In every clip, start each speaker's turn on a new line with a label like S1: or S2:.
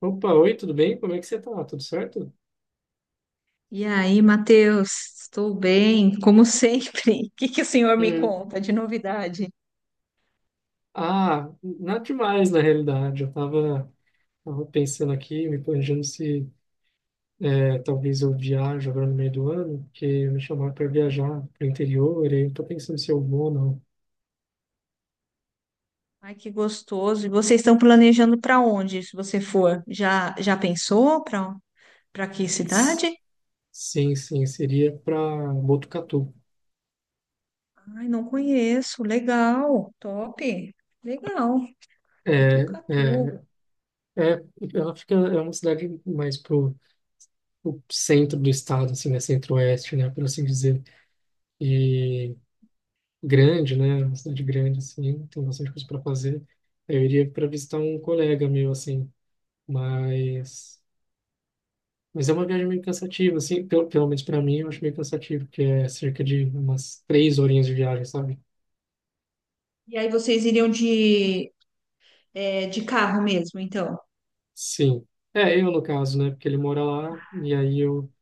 S1: Opa, oi, tudo bem? Como é que você tá? Tudo certo?
S2: E aí, Matheus, estou bem, como sempre. O que que o senhor me
S1: Uhum.
S2: conta de novidade?
S1: Ah, nada demais, na realidade. Eu tava pensando aqui, me planejando se talvez eu viajo agora no meio do ano, porque me chamaram para viajar pro interior, e aí eu tô pensando se eu vou ou não.
S2: Ai, que gostoso. E vocês estão planejando para onde, se você for? Já já pensou para que
S1: S-
S2: cidade?
S1: Sim, sim, seria para Botucatu.
S2: Ai, não conheço. Legal. Top. Legal.
S1: É,
S2: Botucatu.
S1: é, é, ela fica, é uma cidade mais pro centro do estado, assim, né? Centro-oeste, né? Por assim dizer. E grande, né? Uma cidade grande, assim, tem bastante coisa para fazer. Aí eu iria para visitar um colega meu, assim, mas é uma viagem meio cansativa, assim, pelo menos para mim, eu acho meio cansativo, porque é cerca de umas 3 horinhas de viagem, sabe?
S2: E aí vocês iriam de carro mesmo, então?
S1: Sim. É, eu no caso, né? Porque ele mora lá, e aí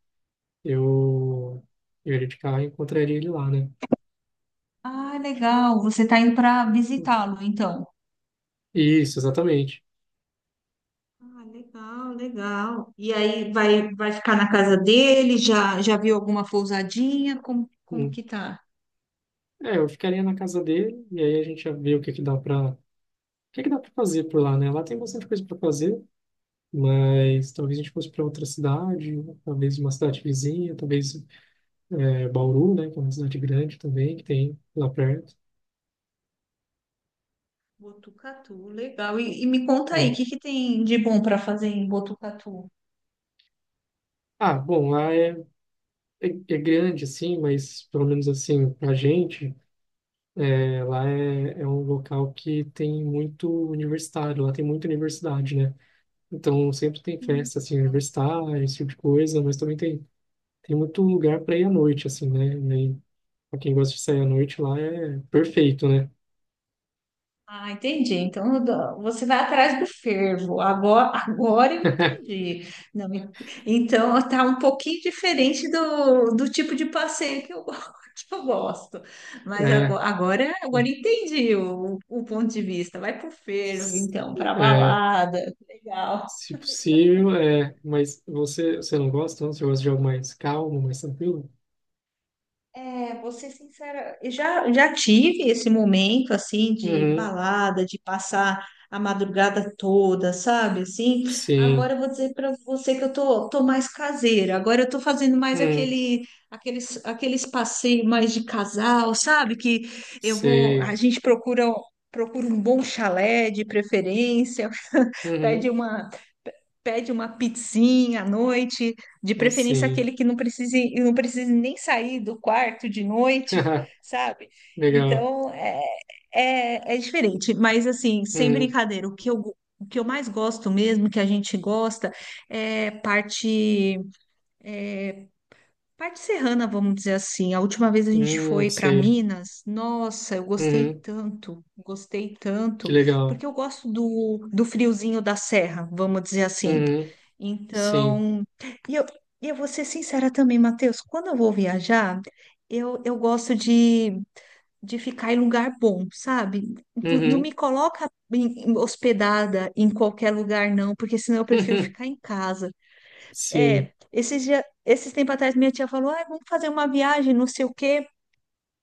S1: eu, eu iria de carro e encontraria ele lá, né?
S2: Ah, legal. Você está indo para visitá-lo, então.
S1: Isso, exatamente.
S2: Ah, legal, legal. E aí vai, vai ficar na casa dele? Já, já viu alguma pousadinha? Como, como
S1: Hum.
S2: que tá?
S1: É, eu ficaria na casa dele e aí a gente ia ver o que que dá para fazer por lá, né? Lá tem bastante coisa para fazer. Mas talvez a gente fosse para outra cidade, talvez uma cidade vizinha, talvez Bauru, né, que é uma cidade grande também, que tem lá perto.
S2: Botucatu, legal. E me conta aí,
S1: Né.
S2: o que que tem de bom para fazer em Botucatu?
S1: Ah, bom, lá é grande, assim, mas pelo menos assim, pra gente, lá é um local que tem muito universitário, lá tem muita universidade, né? Então sempre tem
S2: Hum.
S1: festa, assim, universitária, esse tipo de coisa, mas também tem muito lugar para ir à noite, assim, né? E aí, pra quem gosta de sair à noite, lá é perfeito, né?
S2: Ah, entendi. Então você vai atrás do fervo. Agora, agora eu entendi. Não, então tá um pouquinho diferente do, do tipo de passeio que eu, que eu gosto. Mas
S1: É.
S2: agora, agora, agora entendi o ponto de vista. Vai pro fervo, então, para
S1: É,
S2: balada. Legal.
S1: se possível, é, mas você não gosta, não? Você gosta de algo mais calmo, mais tranquilo?
S2: É, vou ser sincera, eu já, já tive esse momento, assim, de
S1: Uhum,
S2: balada, de passar a madrugada toda, sabe, assim,
S1: sim,
S2: agora eu vou dizer para você que eu tô, tô mais caseira, agora eu tô fazendo mais
S1: uhum,
S2: aquele, aqueles, aqueles passeios mais de casal, sabe, que eu vou, a
S1: sei,
S2: gente procura, procura um bom chalé de preferência.
S1: uhum,
S2: Pede uma, pede uma pizzinha à noite, de
S1: mas
S2: preferência
S1: sim,
S2: aquele que não precise, não precise nem sair do quarto de noite, sabe?
S1: legal,
S2: Então é diferente, mas assim, sem
S1: uhum,
S2: brincadeira, o que eu mais gosto mesmo, que a gente gosta, é parte. Parte serrana, vamos dizer assim. A última vez a gente
S1: uhum,
S2: foi para
S1: sei,
S2: Minas. Nossa, eu
S1: uhum,
S2: gostei
S1: que
S2: tanto,
S1: legal,
S2: porque eu gosto do, do friozinho da serra, vamos dizer assim.
S1: uhum, sim,
S2: Então, e eu, e eu vou ser sincera também, Matheus, quando eu vou viajar, eu gosto de ficar em lugar bom, sabe? Não, não
S1: uhum,
S2: me coloca hospedada em qualquer lugar, não, porque senão eu prefiro ficar em casa.
S1: sim,
S2: É, esses dias, esses tempos atrás minha tia falou, ah, vamos fazer uma viagem, não sei o quê.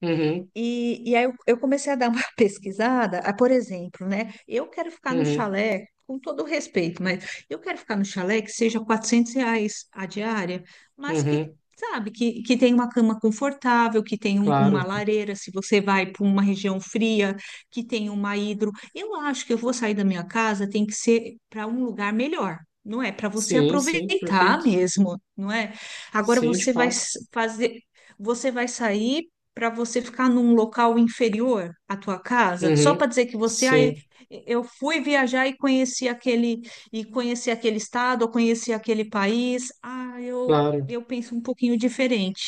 S1: uhum,
S2: E aí eu comecei a dar uma pesquisada, ah, por exemplo, né? Eu quero ficar no
S1: uhum,
S2: chalé, com todo o respeito, mas eu quero ficar no chalé que seja 400 reais a diária, mas que,
S1: uhum,
S2: sabe, que tem uma cama confortável, que tem uma
S1: claro,
S2: lareira, se você vai para uma região fria, que tem uma hidro. Eu acho que eu vou sair da minha casa, tem que ser para um lugar melhor. Não é para você
S1: sim, sim,
S2: aproveitar
S1: perfeito,
S2: mesmo, não é? Agora
S1: sim, de
S2: você vai
S1: fato,
S2: fazer, você vai sair para você ficar num local inferior à tua casa, só
S1: uhum,
S2: para dizer que você, ah, eu
S1: sim,
S2: eu fui viajar e conheci aquele estado, ou conheci aquele país. Ah, eu
S1: claro.
S2: eu penso um pouquinho diferente.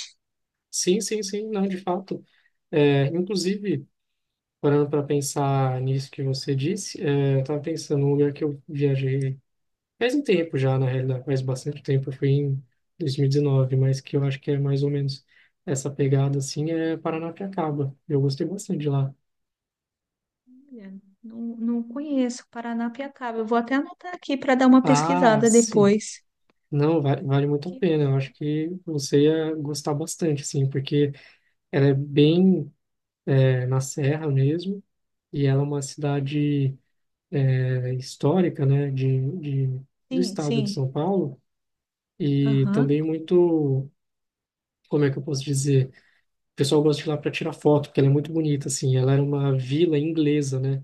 S1: Sim, sim, sim, não, de fato. É, inclusive, parando para pensar nisso que você disse, é, eu estava pensando num lugar que eu viajei faz um tempo já, na realidade, faz bastante tempo, eu fui em 2019, mas que eu acho que é mais ou menos essa pegada assim, é Paranapiacaba. Eu gostei bastante de lá.
S2: Olha, não, não conheço Paranapiacaba. Eu vou até anotar aqui para dar uma
S1: Ah,
S2: pesquisada
S1: sim.
S2: depois.
S1: Não, vale muito a
S2: Que
S1: pena. Eu
S2: gostoso.
S1: acho que você ia gostar bastante, sim, porque ela é bem, é, na serra mesmo, e ela é uma cidade histórica, né, do
S2: Sim,
S1: estado de
S2: sim.
S1: São Paulo e
S2: Aham.
S1: também muito, como é que eu posso dizer? O pessoal gosta de ir lá para tirar foto, porque ela é muito bonita, assim. Ela era uma vila inglesa, né?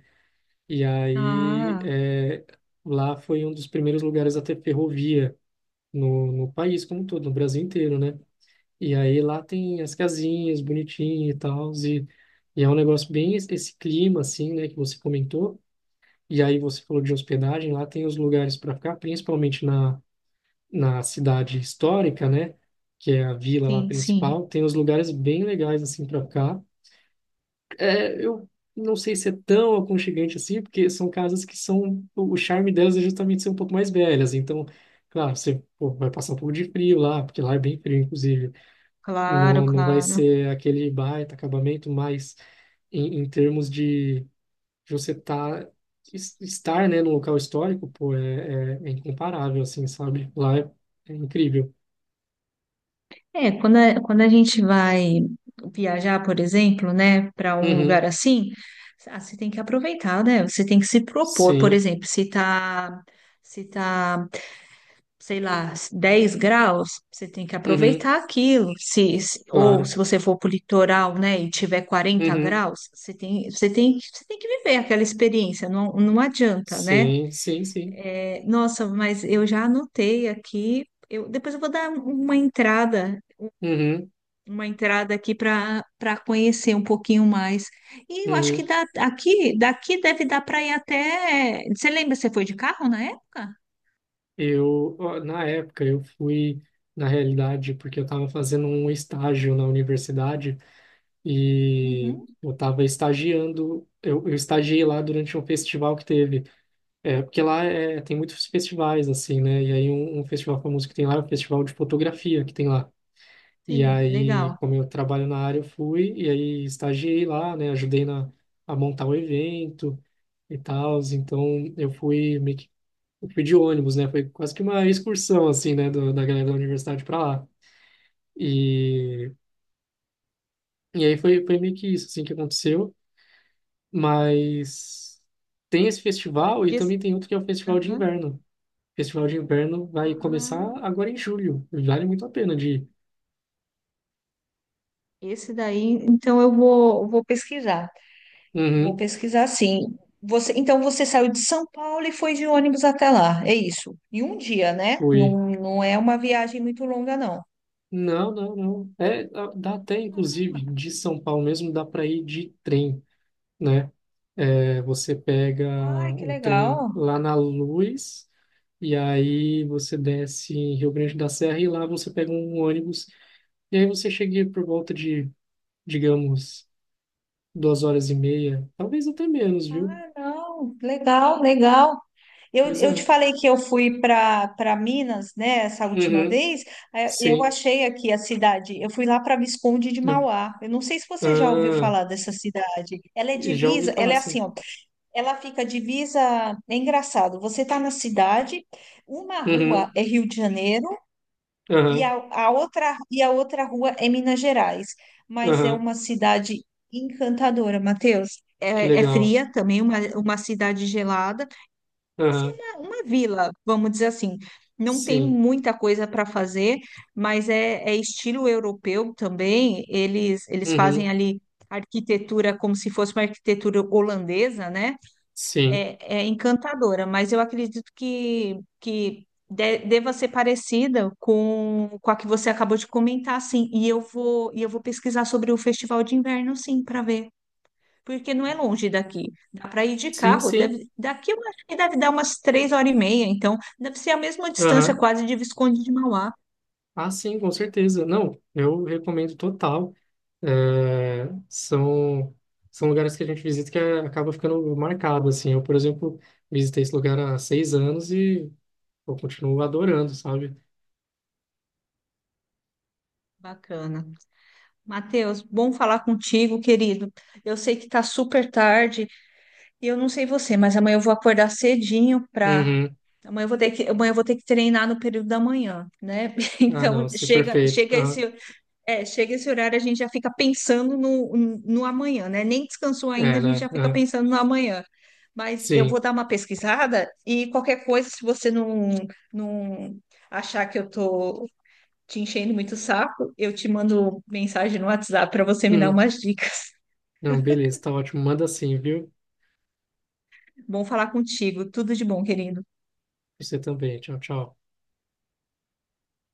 S1: E aí
S2: Ah,
S1: é, lá foi um dos primeiros lugares a ter ferrovia no país como um todo, no Brasil inteiro, né? E aí lá tem as casinhas bonitinhas e tal, e é um negócio bem esse clima, assim, né, que você comentou. E aí você falou de hospedagem, lá tem os lugares para ficar, principalmente na cidade histórica, né? Que é a vila lá
S2: sim, sim.
S1: principal, tem uns lugares bem legais assim para ficar. É, eu não sei se é tão aconchegante assim, porque são casas que são o charme delas é justamente ser um pouco mais velhas. Então, claro, você pô, vai passar um pouco de frio lá, porque lá é bem frio, inclusive.
S2: Claro,
S1: Não, não vai
S2: claro.
S1: ser aquele baita acabamento, mas em termos de você estar, né, num local histórico, pô, é incomparável, assim, sabe? Lá é incrível.
S2: É, quando a, quando a gente vai viajar, por exemplo, né, para um lugar
S1: Uhum.
S2: assim, ah, você tem que aproveitar, né? Você tem que se propor, por
S1: Sim,
S2: exemplo, se tá, se tá, sei lá, 10 graus, você tem que
S1: uhum,
S2: aproveitar aquilo. Se, ou
S1: claro.
S2: se você for para o litoral, né, e tiver quarenta
S1: Uhum,
S2: graus, você tem, você tem, você tem que viver aquela experiência, não, não adianta, né?
S1: sim, sim, sim.
S2: É, nossa, mas eu já anotei aqui. Eu, depois eu vou dar
S1: Uhum,
S2: uma entrada aqui para conhecer um pouquinho mais. E eu acho que
S1: uhum.
S2: dá, aqui, daqui deve dar para ir até. Você lembra, você foi de carro na época?
S1: Eu, ó, na época, eu fui, na realidade, porque eu estava fazendo um estágio na universidade e
S2: Uhum,
S1: eu estava estagiando, eu estagiei lá durante um festival que teve. É, porque lá é, tem muitos festivais, assim, né? E aí um festival famoso que tem lá é o Festival de Fotografia que tem lá. E
S2: sim,
S1: aí,
S2: legal.
S1: como eu trabalho na área, eu fui e aí estagiei lá, né? Ajudei a montar o evento e tal. Então, eu fui meio que eu fui de ônibus, né? Foi quase que uma excursão, assim, né? Da galera da universidade para lá. E, e aí foi meio que isso, assim, que aconteceu. Mas tem esse festival e
S2: Diz-
S1: também tem outro que é o Festival de
S2: aham.
S1: Inverno. O Festival de Inverno vai começar
S2: Ah,
S1: agora em julho. Vale muito a pena de ir.
S2: esse daí, então eu vou, vou pesquisar. Vou
S1: Uhum,
S2: pesquisar sim. Você, então você saiu de São Paulo e foi de ônibus até lá, é isso. Em um dia, né?
S1: fui.
S2: Não, não é uma viagem muito longa, não.
S1: Não, não, não. É, dá até, inclusive, de São Paulo mesmo, dá para ir de trem, né? É, você pega
S2: Ai, que
S1: o trem
S2: legal.
S1: lá na Luz, e aí você desce em Rio Grande da Serra, e lá você pega um ônibus, e aí você chega por volta de, digamos, 2 horas e meia, talvez até menos, viu?
S2: Ah, não, legal, legal.
S1: Pois
S2: Eu te
S1: é.
S2: falei que eu fui para Minas, né, essa última
S1: Uhum,
S2: vez. Eu
S1: sim.
S2: achei aqui a cidade. Eu fui lá para Visconde de
S1: Ah,
S2: Mauá. Eu não sei se você já ouviu
S1: ah,
S2: falar dessa cidade. Ela é
S1: já ouvi
S2: divisa, ela
S1: falar,
S2: é assim,
S1: sim.
S2: ó, ela fica divisa. É engraçado. Você tá na cidade, uma
S1: Uhum,
S2: rua é Rio de Janeiro e
S1: aham,
S2: a outra e a outra rua é Minas Gerais. Mas é
S1: aham,
S2: uma cidade encantadora, Matheus.
S1: que
S2: É, é
S1: legal.
S2: fria também, uma cidade gelada. Sim,
S1: Aham,
S2: uma vila, vamos dizer assim. Não tem
S1: sim.
S2: muita coisa para fazer, mas é, é estilo europeu também. Eles fazem
S1: Uhum.
S2: ali arquitetura como se fosse uma arquitetura holandesa, né?
S1: Sim,
S2: É, é encantadora, mas eu acredito que deva ser parecida com a que você acabou de comentar, sim. E eu vou pesquisar sobre o Festival de Inverno, sim, para ver porque não é longe daqui. Dá para ir de
S1: sim,
S2: carro.
S1: sim.
S2: Deve, daqui eu acho que deve dar umas 3 horas e meia, então deve ser a mesma distância
S1: Aham.
S2: quase de Visconde de Mauá.
S1: Ah, sim, com certeza. Não, eu recomendo total. É, são lugares que a gente visita que acaba ficando marcado, assim. Eu, por exemplo, visitei esse lugar há 6 anos e eu continuo adorando, sabe?
S2: Bacana. Matheus, bom falar contigo, querido. Eu sei que tá super tarde e eu não sei você, mas amanhã eu vou acordar cedinho para
S1: Uhum.
S2: amanhã. Eu vou ter que, amanhã eu vou ter que treinar no período da manhã, né?
S1: Ah,
S2: Então
S1: não, sim,
S2: chega,
S1: perfeito.
S2: chega
S1: Aham.
S2: esse é, chega esse horário, a gente já fica pensando no, no amanhã, né? Nem descansou ainda,
S1: É,
S2: a gente
S1: né?
S2: já fica
S1: Aham.
S2: pensando no amanhã. Mas eu
S1: Sim.
S2: vou dar uma pesquisada e qualquer coisa, se você não, não achar que eu tô te enchendo muito o saco, eu te mando mensagem no WhatsApp para você me dar
S1: Uhum.
S2: umas dicas.
S1: Não, beleza, tá ótimo. Manda sim, viu?
S2: Bom falar contigo. Tudo de bom, querido.
S1: Você também. Tchau, tchau.